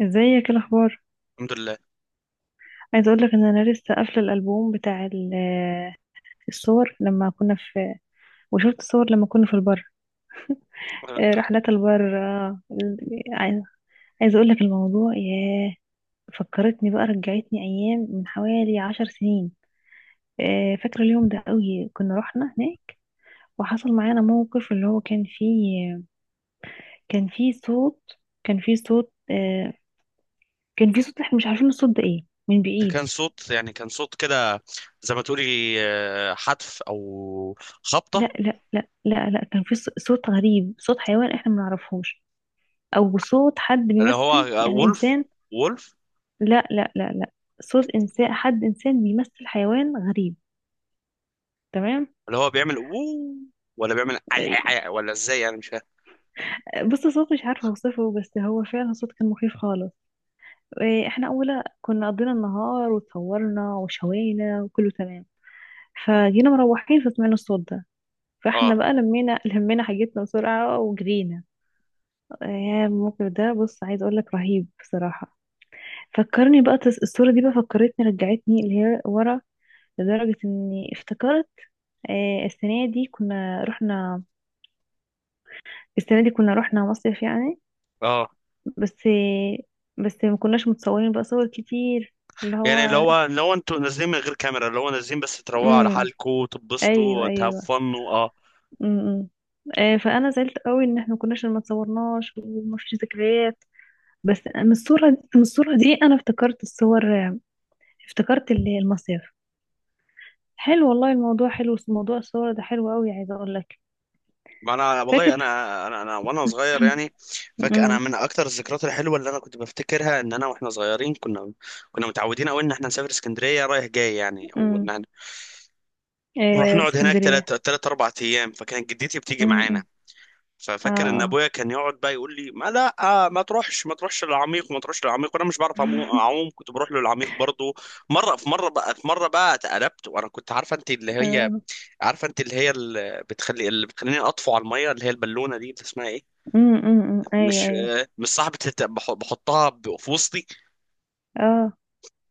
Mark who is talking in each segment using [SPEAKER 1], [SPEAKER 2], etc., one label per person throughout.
[SPEAKER 1] ازيك؟ إيه الاخبار؟
[SPEAKER 2] الحمد لله.
[SPEAKER 1] عايزه اقول لك ان انا لسه قافله الالبوم بتاع الصور لما كنا في، وشفت صور لما كنا في البر.
[SPEAKER 2] آه،
[SPEAKER 1] رحلات البر. آه، ال- عايزه عايزه اقول لك الموضوع. ياه، فكرتني بقى، رجعتني ايام من حوالي 10 سنين. فاكره اليوم ده قوي، كنا رحنا هناك وحصل معانا موقف اللي هو كان فيه صوت. كان فيه صوت آه، كان فيه صوت، احنا مش عارفين الصوت ده ايه من بعيد.
[SPEAKER 2] كان صوت، يعني كان صوت كده، زي ما تقولي حتف او
[SPEAKER 1] لا،
[SPEAKER 2] خبطه.
[SPEAKER 1] لا، لا، لا، لا، كان في صوت غريب، صوت حيوان احنا ما نعرفهوش، او صوت حد
[SPEAKER 2] اللي هو
[SPEAKER 1] بيمثل يعني
[SPEAKER 2] وولف،
[SPEAKER 1] انسان.
[SPEAKER 2] وولف.
[SPEAKER 1] لا، لا، لا، لا، صوت انسان، حد انسان بيمثل حيوان غريب. تمام.
[SPEAKER 2] اللي هو بيعمل وو، ولا بيعمل عي عي
[SPEAKER 1] إيه،
[SPEAKER 2] عي، ولا ازاي؟ انا مش فاهم.
[SPEAKER 1] بص، الصوت مش عارفه اوصفه، بس هو فعلا صوت كان مخيف خالص. إيه، احنا اولا كنا قضينا النهار وتصورنا وشوينا وكله تمام. فجينا مروحين فسمعنا الصوت ده، فاحنا
[SPEAKER 2] اه
[SPEAKER 1] بقى لمينا حاجتنا بسرعه وجرينا. يا، الموقف ده، بص، عايز اقول لك، رهيب بصراحه. فكرني بقى، الصورة دي بقى فكرتني، رجعتني اللي هي ورا، لدرجة اني افتكرت. آه، السنة دي كنا رحنا السنة دي كنا رحنا مصيف يعني.
[SPEAKER 2] اه.
[SPEAKER 1] بس بس ما كناش متصورين بقى صور كتير، اللي
[SPEAKER 2] يعني اللي
[SPEAKER 1] هو.
[SPEAKER 2] هو انتوا نازلين من غير كاميرا، اللي هو نازلين بس تروقوا على
[SPEAKER 1] امم.
[SPEAKER 2] حالكم تبسطوا
[SPEAKER 1] ايوه، ايوه.
[SPEAKER 2] وتهفنوا. اه،
[SPEAKER 1] امم. فانا زعلت قوي ان احنا ما اتصورناش وما فيش ذكريات. بس من الصورة دي انا افتكرت الصور. افتكرت المصيف. حلو والله الموضوع، حلو موضوع الصور ده، حلو قوي، عايزة اقول لك.
[SPEAKER 2] ما انا والله
[SPEAKER 1] فاكر.
[SPEAKER 2] أنا وانا صغير يعني فاكر، انا
[SPEAKER 1] امم.
[SPEAKER 2] من اكتر الذكريات الحلوه اللي انا كنت بفتكرها، ان انا واحنا صغيرين كنا متعودين قوي ان احنا نسافر اسكندريه رايح جاي يعني، او ان
[SPEAKER 1] امم.
[SPEAKER 2] احنا نروح
[SPEAKER 1] إيه
[SPEAKER 2] نقعد هناك
[SPEAKER 1] اسكندرية.
[SPEAKER 2] ثلاث اربع ايام، فكانت جدتي بتيجي
[SPEAKER 1] امم.
[SPEAKER 2] معانا.
[SPEAKER 1] أمم.
[SPEAKER 2] ففاكر ان
[SPEAKER 1] اه.
[SPEAKER 2] ابويا كان يقعد بقى يقول لي: ما لا، ما تروحش، ما تروحش للعميق وما تروحش للعميق، وانا مش بعرف اعوم، كنت بروح له للعميق برضه. مره في مره بقى في مره بقى اتقلبت، وانا كنت عارفه انت اللي هي
[SPEAKER 1] ايوه.
[SPEAKER 2] اللي بتخليني اطفو على الميه، اللي هي البالونه دي اللي اسمها ايه،
[SPEAKER 1] امم. أمم، أمم. ايوه،
[SPEAKER 2] مش
[SPEAKER 1] ايوه.
[SPEAKER 2] مش صاحبة بحطها في وسطي.
[SPEAKER 1] اه.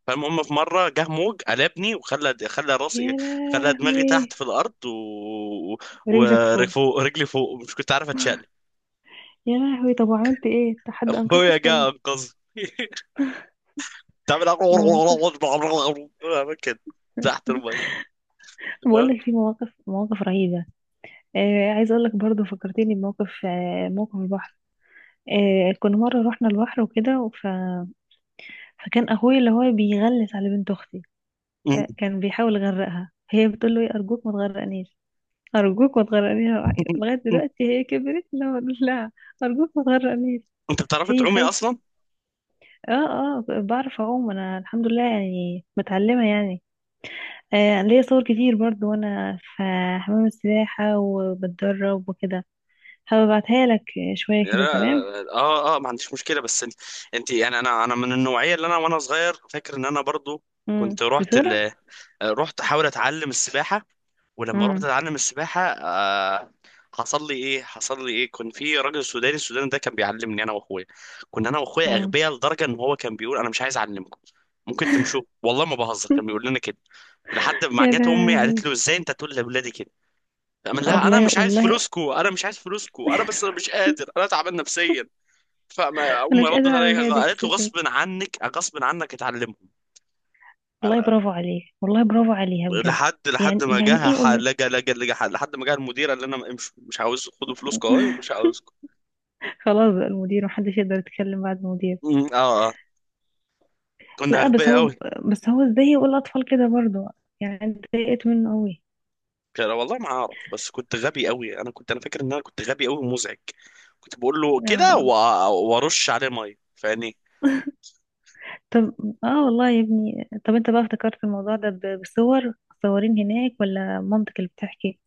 [SPEAKER 2] فالمهم في مرة جه موج قلبني، وخلى
[SPEAKER 1] يا
[SPEAKER 2] راسي، خلى دماغي تحت
[SPEAKER 1] لهوي!
[SPEAKER 2] في الأرض، و...
[SPEAKER 1] رجلك فوق.
[SPEAKER 2] ورجلي فوق، مش كنت عارف أتشال.
[SPEAKER 1] يا لهوي. طب وعملت ايه أنت؟ حد انقذك
[SPEAKER 2] أخويا
[SPEAKER 1] ولا؟
[SPEAKER 2] جه أنقذني. تعمل
[SPEAKER 1] مواقف.
[SPEAKER 2] أعمل كده تحت المية.
[SPEAKER 1] بقول
[SPEAKER 2] ها؟
[SPEAKER 1] لك في مواقف، مواقف رهيبة. عايزه اقول لك برضه، فكرتني بموقف. موقف البحر. كنا مرة رحنا البحر وكده، فكان اخويا اللي هو بيغلس على بنت اختي. كان بيحاول يغرقها، هي بتقول له: إيه، ارجوك ما تغرقنيش. أرجوك ما تغرقنيها. لغاية دلوقتي هي كبرت، لا بقول لها: أرجوك ما تغرقنيش.
[SPEAKER 2] انت بتعرفي
[SPEAKER 1] هي
[SPEAKER 2] تعومي
[SPEAKER 1] خايفة.
[SPEAKER 2] اصلا؟
[SPEAKER 1] اه. اه، بعرف أعوم أنا، الحمد لله، يعني متعلمة يعني. ليا صور كتير برضو، وأنا في حمام السباحة وبتدرب وكده. هبعتها لك. شوية
[SPEAKER 2] لا،
[SPEAKER 1] كده تمام.
[SPEAKER 2] اه اه، ما عنديش مشكله، بس انت يعني، انا من النوعيه، اللي انا وانا صغير فاكر ان انا برضو
[SPEAKER 1] مم.
[SPEAKER 2] كنت رحت،
[SPEAKER 1] بتغرق.
[SPEAKER 2] رحت احاول اتعلم السباحه. ولما رحت
[SPEAKER 1] مم.
[SPEAKER 2] اتعلم السباحه، حصل لي ايه، كان في راجل سوداني، السوداني ده كان بيعلمني انا واخويا. كنا انا واخويا
[SPEAKER 1] مم.
[SPEAKER 2] اغبياء لدرجه ان هو كان بيقول: انا مش عايز اعلمكم، ممكن تمشوا، والله ما بهزر، كان بيقول لنا كده. لحد ما
[SPEAKER 1] يا
[SPEAKER 2] جت امي
[SPEAKER 1] لا.
[SPEAKER 2] قالت له: ازاي انت تقول لاولادي كده؟ فقام لها: انا
[SPEAKER 1] والله،
[SPEAKER 2] مش عايز
[SPEAKER 1] والله
[SPEAKER 2] فلوسكو، انا بس انا مش قادر، انا تعبان نفسيا. فما
[SPEAKER 1] أنا
[SPEAKER 2] امي
[SPEAKER 1] مش
[SPEAKER 2] ردت
[SPEAKER 1] قادرة على
[SPEAKER 2] عليها
[SPEAKER 1] ولادك يا
[SPEAKER 2] قالت له: غصب
[SPEAKER 1] ستي.
[SPEAKER 2] عنك، اتعلمهم.
[SPEAKER 1] والله برافو عليه. والله برافو عليها بجد. يعني
[SPEAKER 2] لحد ما
[SPEAKER 1] يعني
[SPEAKER 2] جه
[SPEAKER 1] إيه قول له.
[SPEAKER 2] لحد ما جه المدير قال لنا: امشوا، مش عاوز، خدوا فلوسكم اهي، ومش عاوزكم.
[SPEAKER 1] خلاص بقى، المدير، محدش يقدر يتكلم بعد المدير.
[SPEAKER 2] اه اه، كنا
[SPEAKER 1] لا، بس
[SPEAKER 2] اغبياء
[SPEAKER 1] هو
[SPEAKER 2] قوي.
[SPEAKER 1] بس هو ازاي يقول الأطفال كده برضه، يعني أنا اتضايقت منه قوي.
[SPEAKER 2] والله ما اعرف، بس كنت غبي قوي، انا فاكر ان انا كنت غبي قوي ومزعج. كنت بقول له كده،
[SPEAKER 1] اه.
[SPEAKER 2] وارش عليه ميه، فاهمني؟
[SPEAKER 1] طب. اه، والله يا ابني، طب انت بقى افتكرت الموضوع ده بصور؟ صورين هناك ولا مامتك اللي بتحكي؟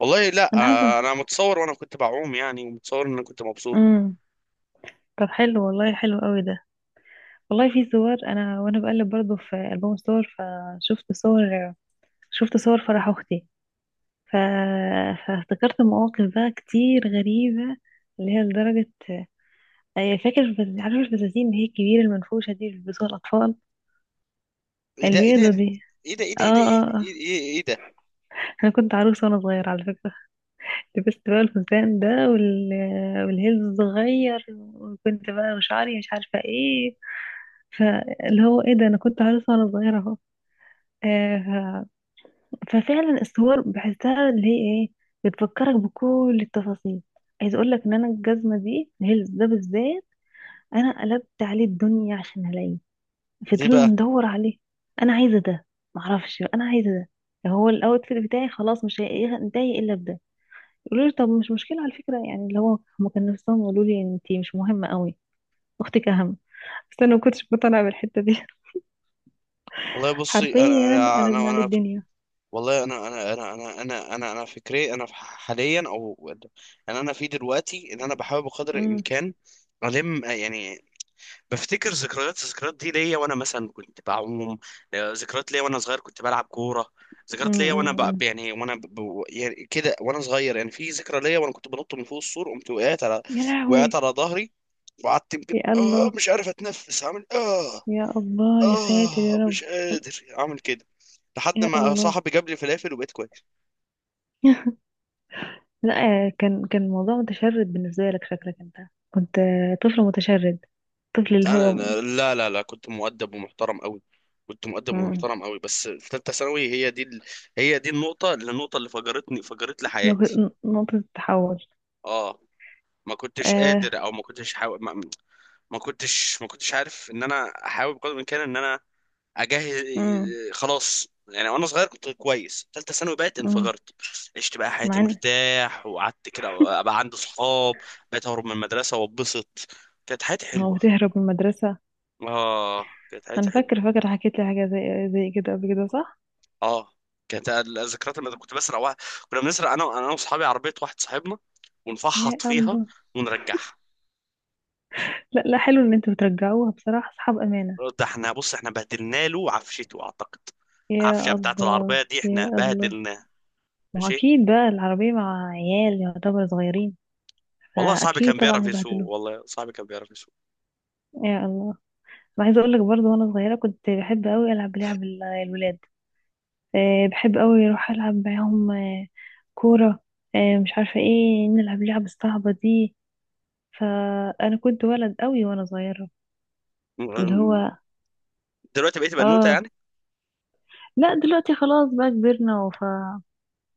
[SPEAKER 2] والله لا،
[SPEAKER 1] انا حاسه.
[SPEAKER 2] انا متصور وانا كنت بعوم يعني، ومتصور ان انا كنت مبسوط.
[SPEAKER 1] امم. طب حلو والله، حلو قوي ده. والله في صور، انا وانا بقلب برضو في ألبوم الصور فشفت صور، شفت صور فرح اختي. ف... فافتكرت مواقف بقى كتير غريبة، اللي هي لدرجة. أي فاكر عارف الفساتين اللي هي الكبيرة المنفوشة دي اللي بيلبسوها الأطفال،
[SPEAKER 2] ايه ده، ايه ده
[SPEAKER 1] البيضة دي؟
[SPEAKER 2] ايه ده ايه
[SPEAKER 1] اه،
[SPEAKER 2] ده ايه ده ايه ده ايه
[SPEAKER 1] اه، اه.
[SPEAKER 2] إيه- إيه ده؟
[SPEAKER 1] أنا كنت عروسة وأنا صغيرة على فكرة. لبست بقى الفستان ده والهيلز الصغير. وكنت بقى وشعري مش عارفة ايه، فاللي هو ايه ده، أنا كنت عروسة وأنا صغيرة اهو. آه، ف- ففعلا الصور بحسها اللي هي ايه، بتفكرك بكل التفاصيل. عايز اقول لك ان انا الجزمه دي، الهيلز ده بالذات، انا قلبت عليه الدنيا عشان الاقيه.
[SPEAKER 2] ليه
[SPEAKER 1] فضلنا
[SPEAKER 2] بقى؟
[SPEAKER 1] ندور عليه، انا عايزه ده، معرفش انا عايزه، ده هو الاوتفيت بتاعي خلاص، مش هينتهي الا بده. يقولوا لي: طب مش مشكله على فكره يعني، اللي هو هما كانوا نفسهم يقولوا لي انتي مش مهمه قوي، اختك اهم. بس انا ما كنتش مقتنعه بالحته دي.
[SPEAKER 2] والله بصي،
[SPEAKER 1] حرفيا قلبنا عليه
[SPEAKER 2] انا
[SPEAKER 1] الدنيا.
[SPEAKER 2] والله، انا انا انا انا انا انا انا فكري انا حاليا، او انا انا في دلوقتي، ان انا بحاول بقدر
[SPEAKER 1] امم.
[SPEAKER 2] الامكان يعني بفتكر ذكريات، الذكريات دي ليا وانا مثلا كنت بعوم، ذكريات ليا وانا صغير كنت بلعب كوره، ذكريات ليا
[SPEAKER 1] امم.
[SPEAKER 2] وانا ب...
[SPEAKER 1] أمم.
[SPEAKER 2] يعني وانا يعني كده وانا صغير يعني. في ذكرى ليا وانا كنت بنط من فوق السور، قمت وقعت على،
[SPEAKER 1] يا
[SPEAKER 2] وقعت
[SPEAKER 1] لهوي.
[SPEAKER 2] على ظهري، وقعدت يمكن
[SPEAKER 1] يا
[SPEAKER 2] اه
[SPEAKER 1] الله.
[SPEAKER 2] مش عارف اتنفس، عامل اه
[SPEAKER 1] يا الله. يا ساتر يا
[SPEAKER 2] اه،
[SPEAKER 1] رب.
[SPEAKER 2] مش قادر اعمل كده، لحد
[SPEAKER 1] يا
[SPEAKER 2] ما
[SPEAKER 1] الله.
[SPEAKER 2] صاحبي جاب لي فلافل وبقيت كويس.
[SPEAKER 1] لا، كان الموضوع متشرد بالنسبه لك، شكلك انت كنت طفل متشرد، طفل اللي هو.
[SPEAKER 2] لا لا لا، كنت مؤدب ومحترم قوي،
[SPEAKER 1] مم.
[SPEAKER 2] بس في ثالثه ثانوي، هي دي ال... هي دي النقطه اللي فجرتني، فجرت لي حياتي.
[SPEAKER 1] نقطة التحول.
[SPEAKER 2] اه، ما كنتش
[SPEAKER 1] آه.
[SPEAKER 2] قادر، او ما كنتش حاو... ما... ما كنتش عارف ان انا احاول بقدر الامكان ان انا اجهز.
[SPEAKER 1] مم.
[SPEAKER 2] خلاص يعني، وانا صغير كنت كويس، ثالثه ثانوي بقت
[SPEAKER 1] مم.
[SPEAKER 2] انفجرت. عشت بقى حياتي
[SPEAKER 1] مع ان.
[SPEAKER 2] مرتاح، وقعدت كده، بقى عندي صحاب، بقيت اهرب من المدرسه واتبسط. كانت حياتي
[SPEAKER 1] هو
[SPEAKER 2] حلوه،
[SPEAKER 1] تهرب من المدرسة؟
[SPEAKER 2] اه كانت حياتي
[SPEAKER 1] أنا
[SPEAKER 2] حلوه.
[SPEAKER 1] فاكر، حكيت لي حاجة زي كده قبل كده صح؟
[SPEAKER 2] اه، كانت الذكريات اللي كنت بسرق واحد، كنا بنسرق انا انا واصحابي عربيه واحد صاحبنا،
[SPEAKER 1] يا
[SPEAKER 2] ونفحط فيها
[SPEAKER 1] الله.
[SPEAKER 2] ونرجعها.
[SPEAKER 1] لا، لا، حلو إن أنتوا بترجعوها بصراحة، أصحاب أمانة.
[SPEAKER 2] ده احنا بص احنا بهدلنا له عفشته اعتقد، العفشه
[SPEAKER 1] يا
[SPEAKER 2] بتاعت
[SPEAKER 1] الله.
[SPEAKER 2] العربيه دي
[SPEAKER 1] يا
[SPEAKER 2] احنا
[SPEAKER 1] الله.
[SPEAKER 2] بهدلناها.
[SPEAKER 1] ما هو
[SPEAKER 2] ماشي،
[SPEAKER 1] أكيد بقى العربية مع عيال يعتبر صغيرين،
[SPEAKER 2] والله صاحبي
[SPEAKER 1] فأكيد
[SPEAKER 2] كان
[SPEAKER 1] طبعا
[SPEAKER 2] بيعرف يسوق،
[SPEAKER 1] هيبهدلوه. يا الله. أنا عايزة أقول لك برضه، وأنا صغيرة كنت بحب أوي ألعب لعب الولاد. بحب قوي اروح العب معاهم. كوره. مش عارفه ايه، نلعب لعب الصعبه دي، فانا كنت ولد قوي وانا صغيره،
[SPEAKER 2] م-
[SPEAKER 1] اللي
[SPEAKER 2] م-
[SPEAKER 1] هو.
[SPEAKER 2] دلوقتي بقيتي بنوته
[SPEAKER 1] اه.
[SPEAKER 2] يعني؟
[SPEAKER 1] لا، دلوقتي خلاص بقى كبرنا،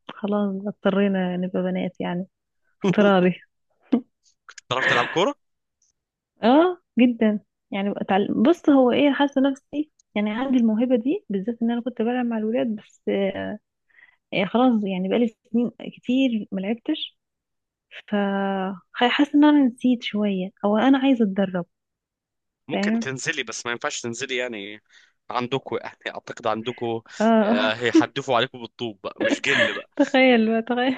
[SPEAKER 1] فخلاص بقى اضطرينا نبقى بنات يعني، اضطراري.
[SPEAKER 2] تعرف تلعب كوره؟
[SPEAKER 1] اه جدا، يعني بقى اتعلم، بص هو ايه، حاسه نفسي يعني عندي الموهبه دي بالذات، ان انا كنت بلعب مع الولاد بس. خلاص يعني بقالي سنين كتير ما لعبتش، ف حاسه ان انا نسيت شويه، او انا عايزه اتدرب.
[SPEAKER 2] ممكن
[SPEAKER 1] فاهم.
[SPEAKER 2] تنزلي، بس ما ينفعش تنزلي يعني، عندكوا يعني اعتقد عندكوا
[SPEAKER 1] اه.
[SPEAKER 2] هيحدفوا عليكم بالطوب بقى مش جن بقى.
[SPEAKER 1] تخيل بقى، تخيل.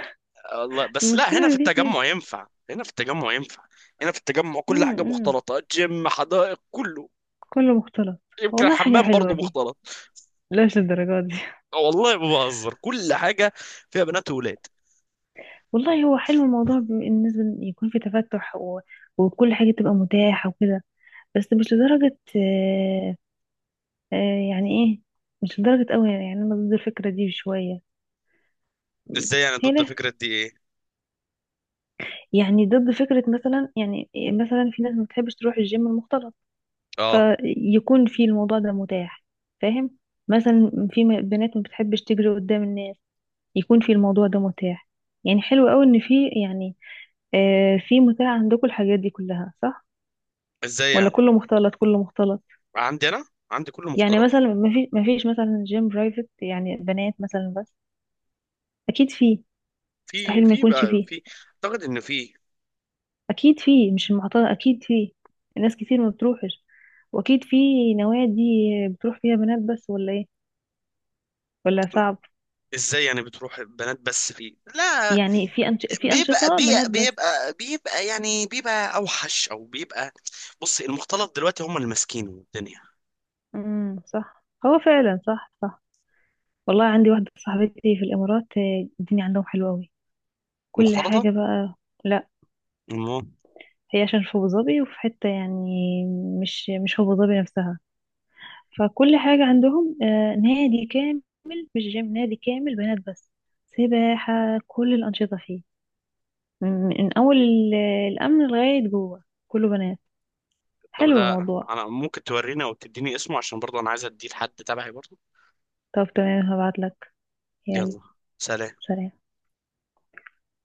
[SPEAKER 2] والله بس، لا،
[SPEAKER 1] المشكله
[SPEAKER 2] هنا في
[SPEAKER 1] مفيش نادي.
[SPEAKER 2] التجمع ينفع، هنا في التجمع كل
[SPEAKER 1] امم.
[SPEAKER 2] حاجة
[SPEAKER 1] إمم.
[SPEAKER 2] مختلطة، جيم، حدائق، كله.
[SPEAKER 1] كله مختلط.
[SPEAKER 2] يمكن
[SPEAKER 1] والله حاجه
[SPEAKER 2] الحمام
[SPEAKER 1] حلوه
[SPEAKER 2] برضه
[SPEAKER 1] دي،
[SPEAKER 2] مختلط،
[SPEAKER 1] لاش للدرجات دي.
[SPEAKER 2] والله ما بهزر، كل حاجة فيها بنات وولاد.
[SPEAKER 1] والله هو حلو الموضوع بالنسبه إن يكون في تفتح وكل حاجه تبقى متاحه وكده. بس مش لدرجه، يعني ايه، مش لدرجه قوي يعني انا ضد الفكره دي شويه.
[SPEAKER 2] ازاي يعني ضد
[SPEAKER 1] هنا
[SPEAKER 2] فكرة دي ايه؟
[SPEAKER 1] يعني ضد فكره مثلا، يعني إيه، مثلا في ناس ما بتحبش تروح الجيم المختلط.
[SPEAKER 2] اه،
[SPEAKER 1] فيكون في الموضوع ده متاح. فاهم. مثلا في بنات ما بتحبش تجري قدام الناس، يكون في الموضوع ده متاح. يعني حلو قوي ان في يعني في متاح عندكم الحاجات دي كلها صح؟
[SPEAKER 2] ازاي
[SPEAKER 1] ولا
[SPEAKER 2] يعني؟
[SPEAKER 1] كله مختلط؟ كله مختلط.
[SPEAKER 2] عندي انا، عندي كله
[SPEAKER 1] يعني
[SPEAKER 2] مختلط.
[SPEAKER 1] مثلا ما فيش مثلا جيم برايفت يعني بنات مثلا بس؟ اكيد فيه. مستحيل ما يكونش فيه.
[SPEAKER 2] في، اعتقد ان في.
[SPEAKER 1] اكيد فيه، مش المعترض، اكيد فيه، الناس كتير ما بتروحش. واكيد في نوادي بتروح فيها بنات بس، ولا ايه؟ ولا صعب؟
[SPEAKER 2] ازاي يعني بتروح بنات بس فيه؟ لا،
[SPEAKER 1] يعني في في أنشطة بنات بس.
[SPEAKER 2] بيبقى يعني، بيبقى اوحش، او بيبقى. بص، المختلط دلوقتي هم اللي ماسكين الدنيا.
[SPEAKER 1] امم، صح، هو فعلا صح، صح. والله عندي واحدة صاحبتي في الإمارات. الدنيا عندهم حلوة أوي، كل
[SPEAKER 2] المختلطة
[SPEAKER 1] حاجة بقى. لا، هي عشان في أبو ظبي، وفي حتة يعني مش أبو ظبي نفسها. فكل حاجة عندهم نادي كامل، مش جيم، نادي كامل بنات بس. سباحة، كل الأنشطة فيه، من أول الأمن لغاية جوه كله بنات.
[SPEAKER 2] طب،
[SPEAKER 1] حلو
[SPEAKER 2] لا،
[SPEAKER 1] الموضوع.
[SPEAKER 2] انا ممكن تورينا وتديني اسمه عشان برضه انا عايز اديه لحد تبعي برضه.
[SPEAKER 1] طب تمام، هبعتلك. يلا.
[SPEAKER 2] يلا. سلام.
[SPEAKER 1] سلام.